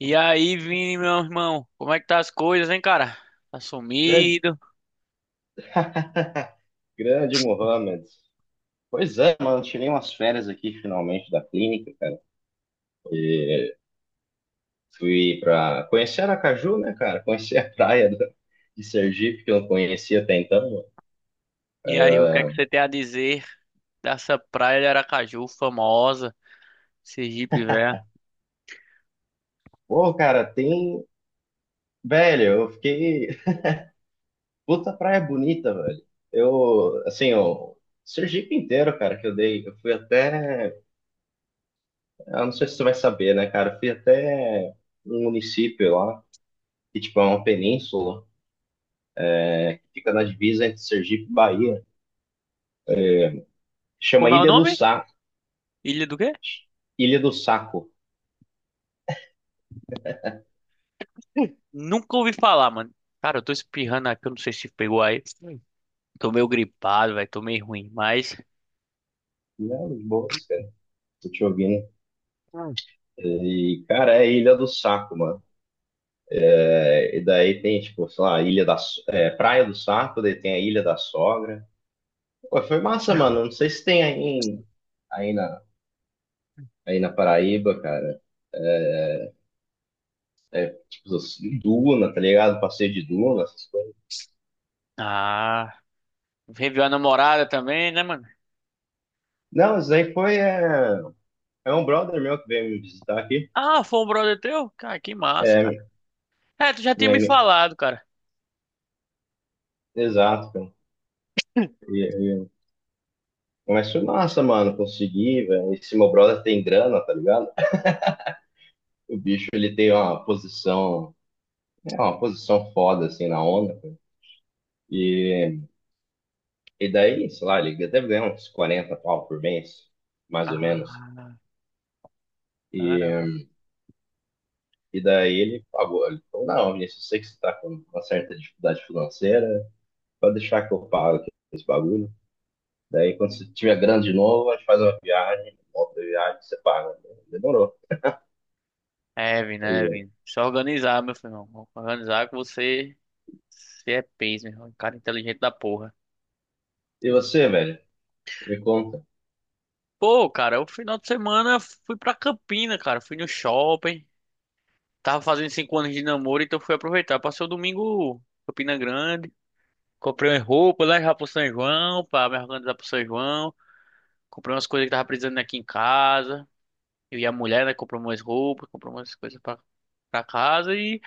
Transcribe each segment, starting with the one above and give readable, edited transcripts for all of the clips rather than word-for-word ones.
E aí, Vini, meu irmão, como é que tá as coisas, hein, cara? Tá Grande, sumido. Mohamed. Pois é, mano, tirei umas férias aqui finalmente da clínica, cara. E fui pra conhecer Aracaju, né, cara? Conhecer de Sergipe, que eu não conhecia até então, mano. E aí, o que é que você tem a dizer dessa praia de Aracaju, famosa, Sergipe, velho? Pô, cara, tem. Velho, eu fiquei. Puta praia bonita, velho. Eu, assim, o Sergipe inteiro, cara, que eu dei. Eu fui até. Eu não sei se você vai saber, né, cara? Eu fui até um município lá, que, tipo, é uma península, que fica na divisa entre Sergipe e Bahia. Chama Como é o Ilha do nome? Saco. Ilha do quê? Ilha do Saco. Nunca ouvi falar, mano. Cara, eu tô espirrando aqui, eu não sei se pegou aí. Hum. Tô meio gripado, velho, tô meio ruim, mas... Não, de boas, cara. Tô te ouvindo. Hum. E, cara, é Ilha do Saco, mano. É, e daí tem, tipo, sei lá, Ilha da, So- é, Praia do Saco, daí tem a Ilha da Sogra. Pô, foi massa, mano. Não sei se tem aí, na, aí na Paraíba, cara. Tipo, assim, Duna, tá ligado? Passeio de Duna, essas coisas. Ah, reviu a namorada também, né, mano? Não, isso aí foi. É, é um brother meu que veio me visitar aqui. Ah, foi um brother teu? Cara, que massa, cara. É, tu já tinha Minha, me minha- falado, cara. Exato, cara. E- e- Mas foi massa, mano. Consegui, velho. Esse meu brother tem grana, tá ligado? O bicho ele tem uma posição, é uma posição foda assim na onda. E, e daí, sei lá, ele deve ganhar uns 40 pau por mês, mais ou menos. Ah, tá. E, e daí ele pagou. Ele falou, não, Vinícius, eu sei que você tá com uma certa dificuldade financeira, pode deixar que eu pago aqui esse bagulho. Daí quando você tiver grande de novo, a gente faz uma viagem, volta a viagem, você paga. Demorou. Evan, né, E, Evan? Só organizar, meu filho. Irmão. Organizar que você é peso, meu irmão. Um cara inteligente da porra. e você, velho, me conta. Pô, cara, o final de semana fui pra Campina, cara. Fui no shopping. Tava fazendo 5 anos de namoro, então fui aproveitar. Passei o domingo em Campina Grande. Comprei umas roupas lá já pro São João, pra me organizar pro São João. Comprei umas coisas que tava precisando aqui em casa. Eu e a mulher, né, comprou umas roupas, comprou umas coisas pra, casa e.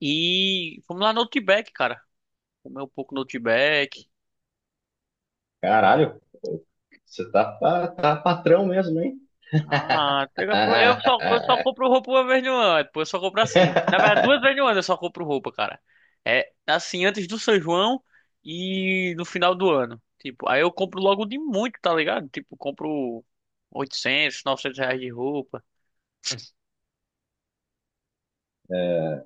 E fomos lá no Outback, cara. Comer um pouco no Outback. Caralho, pô, você tá patrão mesmo, hein? Ah, eu só compro roupa uma vez no ano. Pô, eu só compro assim. Na verdade, duas vezes no ano eu só compro roupa, cara. É assim, antes do São João e no final do ano. Tipo, aí eu compro logo de muito, tá ligado? Tipo, compro R$ 800 R$ 900 de roupa. É,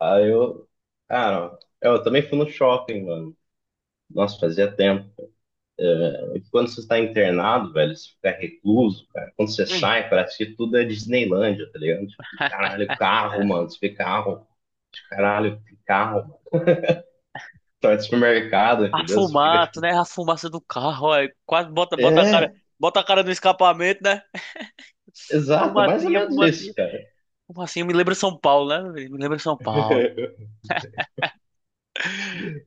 aí eu, cara, eu também fui no shopping, mano. Nossa, fazia tempo. E quando você está internado, velho, você fica recluso, cara. Quando você Hum. sai, parece que tudo é Disneylândia, tá ligado? Tipo, caralho, carro, mano. Você vê carro. Tipo, caralho, que carro, mano. Tá de supermercado, A entendeu? Você fica fumaça, tipo. né? A fumaça do carro, ó, quase bota a cara, É, bota a cara no escapamento, né? exato, é mais ou Fumacinha, menos fumacinha. isso, cara. Fumacinha me lembra São Paulo, né? Me lembra São Paulo.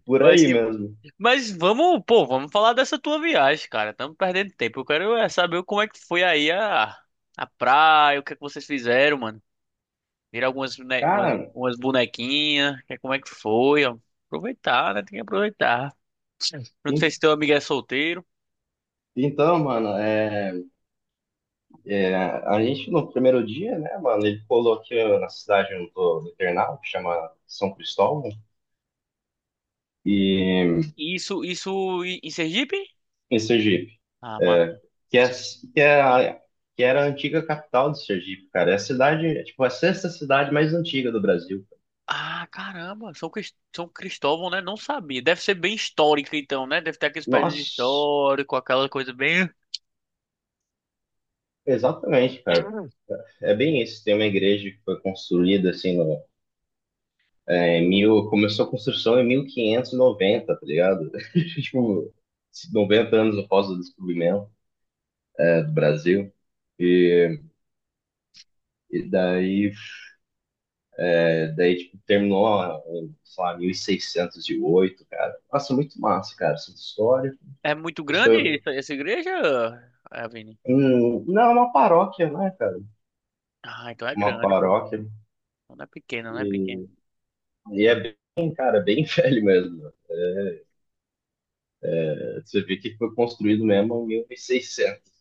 Por Mas aí que bom. mesmo. Mas vamos, pô, vamos falar dessa tua viagem, cara. Estamos perdendo tempo. Eu quero é saber como é que foi aí a praia, o que é que vocês fizeram, mano. Viram umas, Cara, umas bonequinhas, como é que foi, ó. Aproveitar, né? Tem que aproveitar. Eu não sei en- se teu amigo é solteiro. então, mano, é. É, a gente, no primeiro dia, né, mano, ele colou aqui ó, na cidade do Ternal, que chama São Cristóvão, e Isso em Sergipe? em Sergipe, Ah, é, massa. que, é, que, é a, que era a antiga capital de Sergipe, cara. É a cidade, é, tipo, a sexta cidade mais antiga do Brasil. Ah, caramba, São Cristóvão, né? Não sabia. Deve ser bem histórica, então, né? Deve ter aqueles prédios Nossa, históricos, aquela coisa bem. exatamente, cara. É bem isso. Tem uma igreja que foi construída, assim, no, é, em mil, começou a construção em 1590, tá ligado? Tipo, 90 anos após o descobrimento, né, do Brasil. E E daí, é, daí tipo, terminou, ó, em, sei lá, 1608, cara. Nossa, muito massa, cara, essa história. É muito Isso grande é essa igreja, é, Vini? Não é uma paróquia, né, cara? Ah, então é Uma grande, pô. paróquia. Não é pequena, não é pequena. E é, bem, cara, bem velho mesmo, né? Você vê que foi construído mesmo em 1600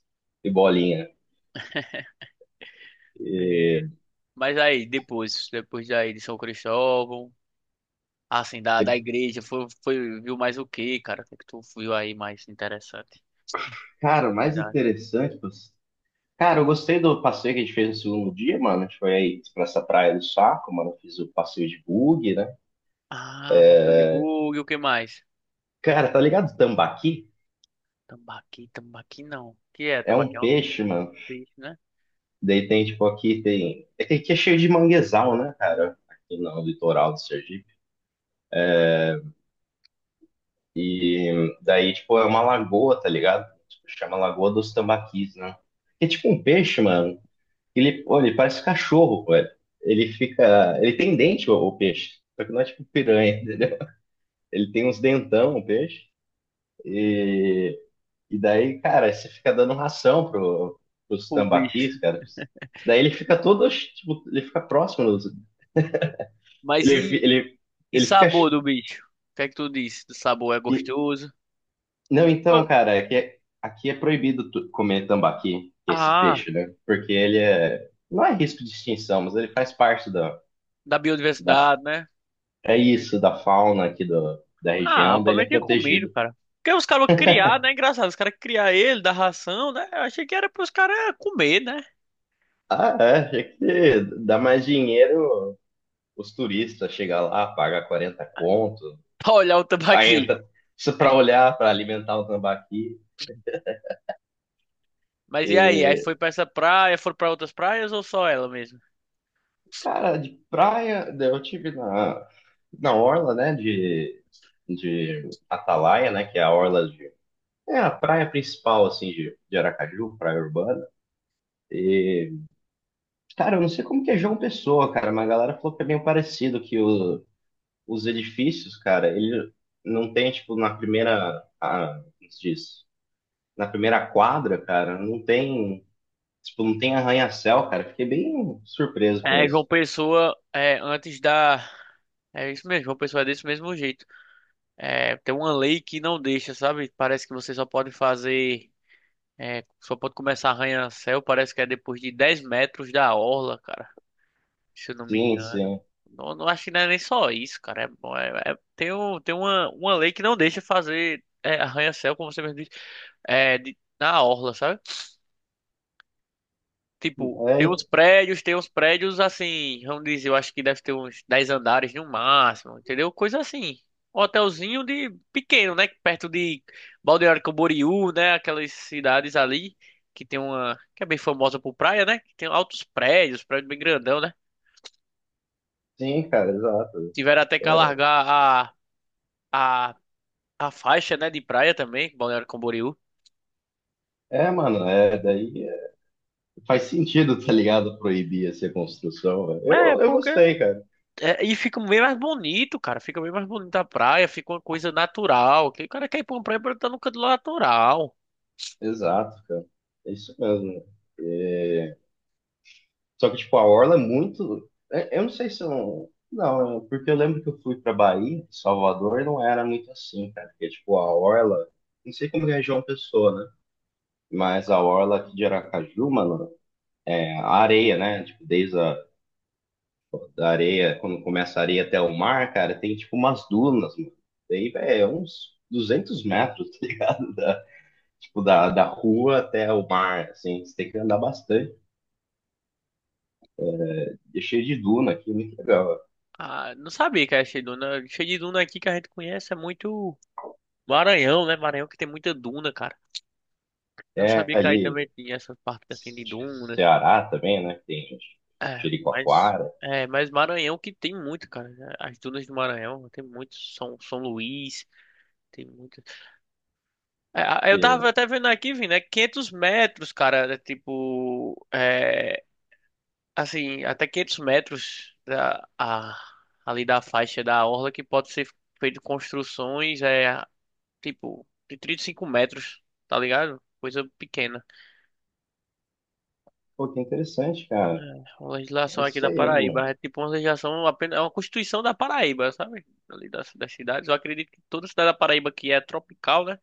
e bolinha. É, mas aí, depois daí de São Cristóvão, assim, da, E, da igreja, foi, viu mais o quê, cara? O que é que tu viu aí mais interessante na cara, o mais cidade? interessante, tipo, cara, eu gostei do passeio que a gente fez no segundo dia, mano. A gente foi aí pra essa praia do Saco, mano. Eu fiz o passeio de bug, né? Ah, Bartão de Bug, o que mais? Cara, tá ligado o tambaqui? Tambaqui, tambaqui não. Que é? É um Tambaqui é um peixe, mano. bicho, né? Daí tem, tipo, aqui tem. É que aqui é cheio de manguezal, né, cara? Aqui no litoral do Sergipe. E daí, tipo, é uma lagoa, tá ligado? Tipo, chama Lagoa dos Tambaquis, né? Que é tipo um peixe, mano. Ele, pô, ele parece cachorro, pô. É, ele fica. Ele tem dente, o peixe. Só que não é tipo piranha, entendeu? Ele tem uns dentão, o peixe. E, e daí, cara, você fica dando ração pros O tambaquis, bicho. cara. Daí ele fica todo, tipo, ele fica próximo dos, Mas Ele, fi- e, ele, e ele fica. sabor Ch- do bicho? O que é que tu disse? Do sabor é e- gostoso? Não, então, cara, é que é, aqui é proibido comer tambaqui, que é esse Ah, peixe, né? Porque ele é. Não é risco de extinção, mas ele faz parte da, da da. biodiversidade, né? É isso, Entendi. da fauna aqui da Ah, o região, dele Palmeiras é tinha comido, protegido. cara. Porque os caras criar, né? Engraçado, os caras criar ele, dar ração, né? Eu achei que era pros caras comer, né? Ah, é, é que dá mais dinheiro os turistas chegar lá, paga 40 conto, Pra olhar o aí tambaqui. entra isso pra olhar, pra alimentar o tambaqui. Mas e aí? Aí E, foi pra essa praia, foram pra outras praias ou só ela mesmo? cara, de praia, eu tive na orla, né, de Atalaia, né? Que é a orla de. É a praia principal, assim, de Aracaju, praia urbana. E, cara, eu não sei como que é João Pessoa, cara, mas a galera falou que é meio parecido, os edifícios, cara, ele não tem, tipo, na primeira. Ah, como se diz? Na primeira quadra, cara, não tem. Tipo, não tem arranha-céu, cara. Fiquei bem surpreso com É, João isso. Pessoa, é, antes da. É isso mesmo, João Pessoa é desse mesmo jeito. É, tem uma lei que não deixa, sabe? Parece que você só pode fazer. É, só pode começar a arranha-céu, parece que é depois de 10 metros da orla, cara. Se eu não me Sim, engano. sim. Não, não acho que não é nem só isso, cara. É, bom, tem uma lei que não deixa fazer é, arranha-céu, como você mesmo disse, é, na orla, sabe? Tipo, tem É, uns prédios, tem uns prédios assim, vamos dizer, eu acho que deve ter uns 10 andares no máximo, entendeu? Coisa assim. Um hotelzinho de pequeno, né? Perto de Balneário Camboriú, né? Aquelas cidades ali que tem uma, que é bem famosa por praia, né? Que tem altos prédios, prédio bem grandão, né? sim, cara, exato. Tiveram até que alargar a. a A faixa, né, de praia também, Balneário Camboriú. É, é, mano, é daí. Faz sentido, tá ligado? Proibir essa construção, velho. É, Eu porque, gostei, cara. é, e fica bem mais bonito, cara. Fica bem mais bonita a praia, fica uma coisa natural. Que o cara quer ir pra uma praia pra estar no canto natural. Exato, cara. É isso mesmo. É, só que, tipo, a Orla é muito. É- Eu não sei se eu não. Não, é um, porque eu lembro que eu fui pra Bahia, Salvador, e não era muito assim, cara. Porque, tipo, a Orla. Não sei como que é a região Pessoa, né? Mas a Orla aqui de Aracaju, mano, é a areia, né? Tipo, desde a da areia, quando começa a areia até o mar, cara, tem, tipo, umas dunas, mano. Daí, velho, é uns 200 metros, tá ligado? Tipo, da rua até o mar, assim. Você tem que andar bastante. E é cheio de duna aqui, muito legal. Ah, não sabia que era cheio de duna. Cheio de duna aqui que a gente conhece é muito Maranhão, né? Maranhão que tem muita duna, cara. Não É sabia que aí ali, também tinha essas partes assim de acho que dunas. Ceará também, né? Que tem É, mas. Jericoacoara. É, mas Maranhão que tem muito, cara. As dunas do Maranhão, tem muito. São Luís, tem muito. É, eu tava E, até vendo aqui, Vini, é 500 metros, cara. É tipo, é, assim, até 500 metros ali da faixa da orla que pode ser feito construções, é, tipo, de 35 metros, tá ligado? Coisa pequena. pô, que interessante, cara. A É legislação aqui isso da aí, mano. Paraíba é tipo uma legislação, apenas, é uma constituição da Paraíba, sabe? Ali das cidades. Eu acredito que toda cidade da Paraíba que é tropical, né?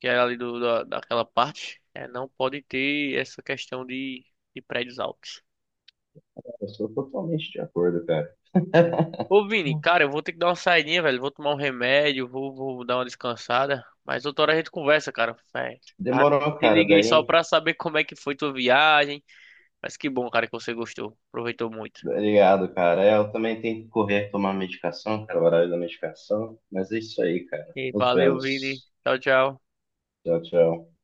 Que era ali do, da, daquela parte, é, não pode ter essa questão de, prédios altos. Eu sou totalmente de acordo, cara. Né? Ô Vini, cara, eu vou ter que dar uma saidinha, velho. Vou tomar um remédio, vou dar uma descansada. Mas outra hora a gente conversa, cara. É, tá, Demorou, te cara. liguei só Daí, pra saber como é que foi tua viagem. Mas que bom, cara, que você gostou. Aproveitou muito. obrigado, cara. É, eu também tenho que correr tomar medicação, cara, o horário da medicação. Mas é isso aí, cara. E Nos valeu, Vini. vemos. Tchau, tchau. Tchau, tchau.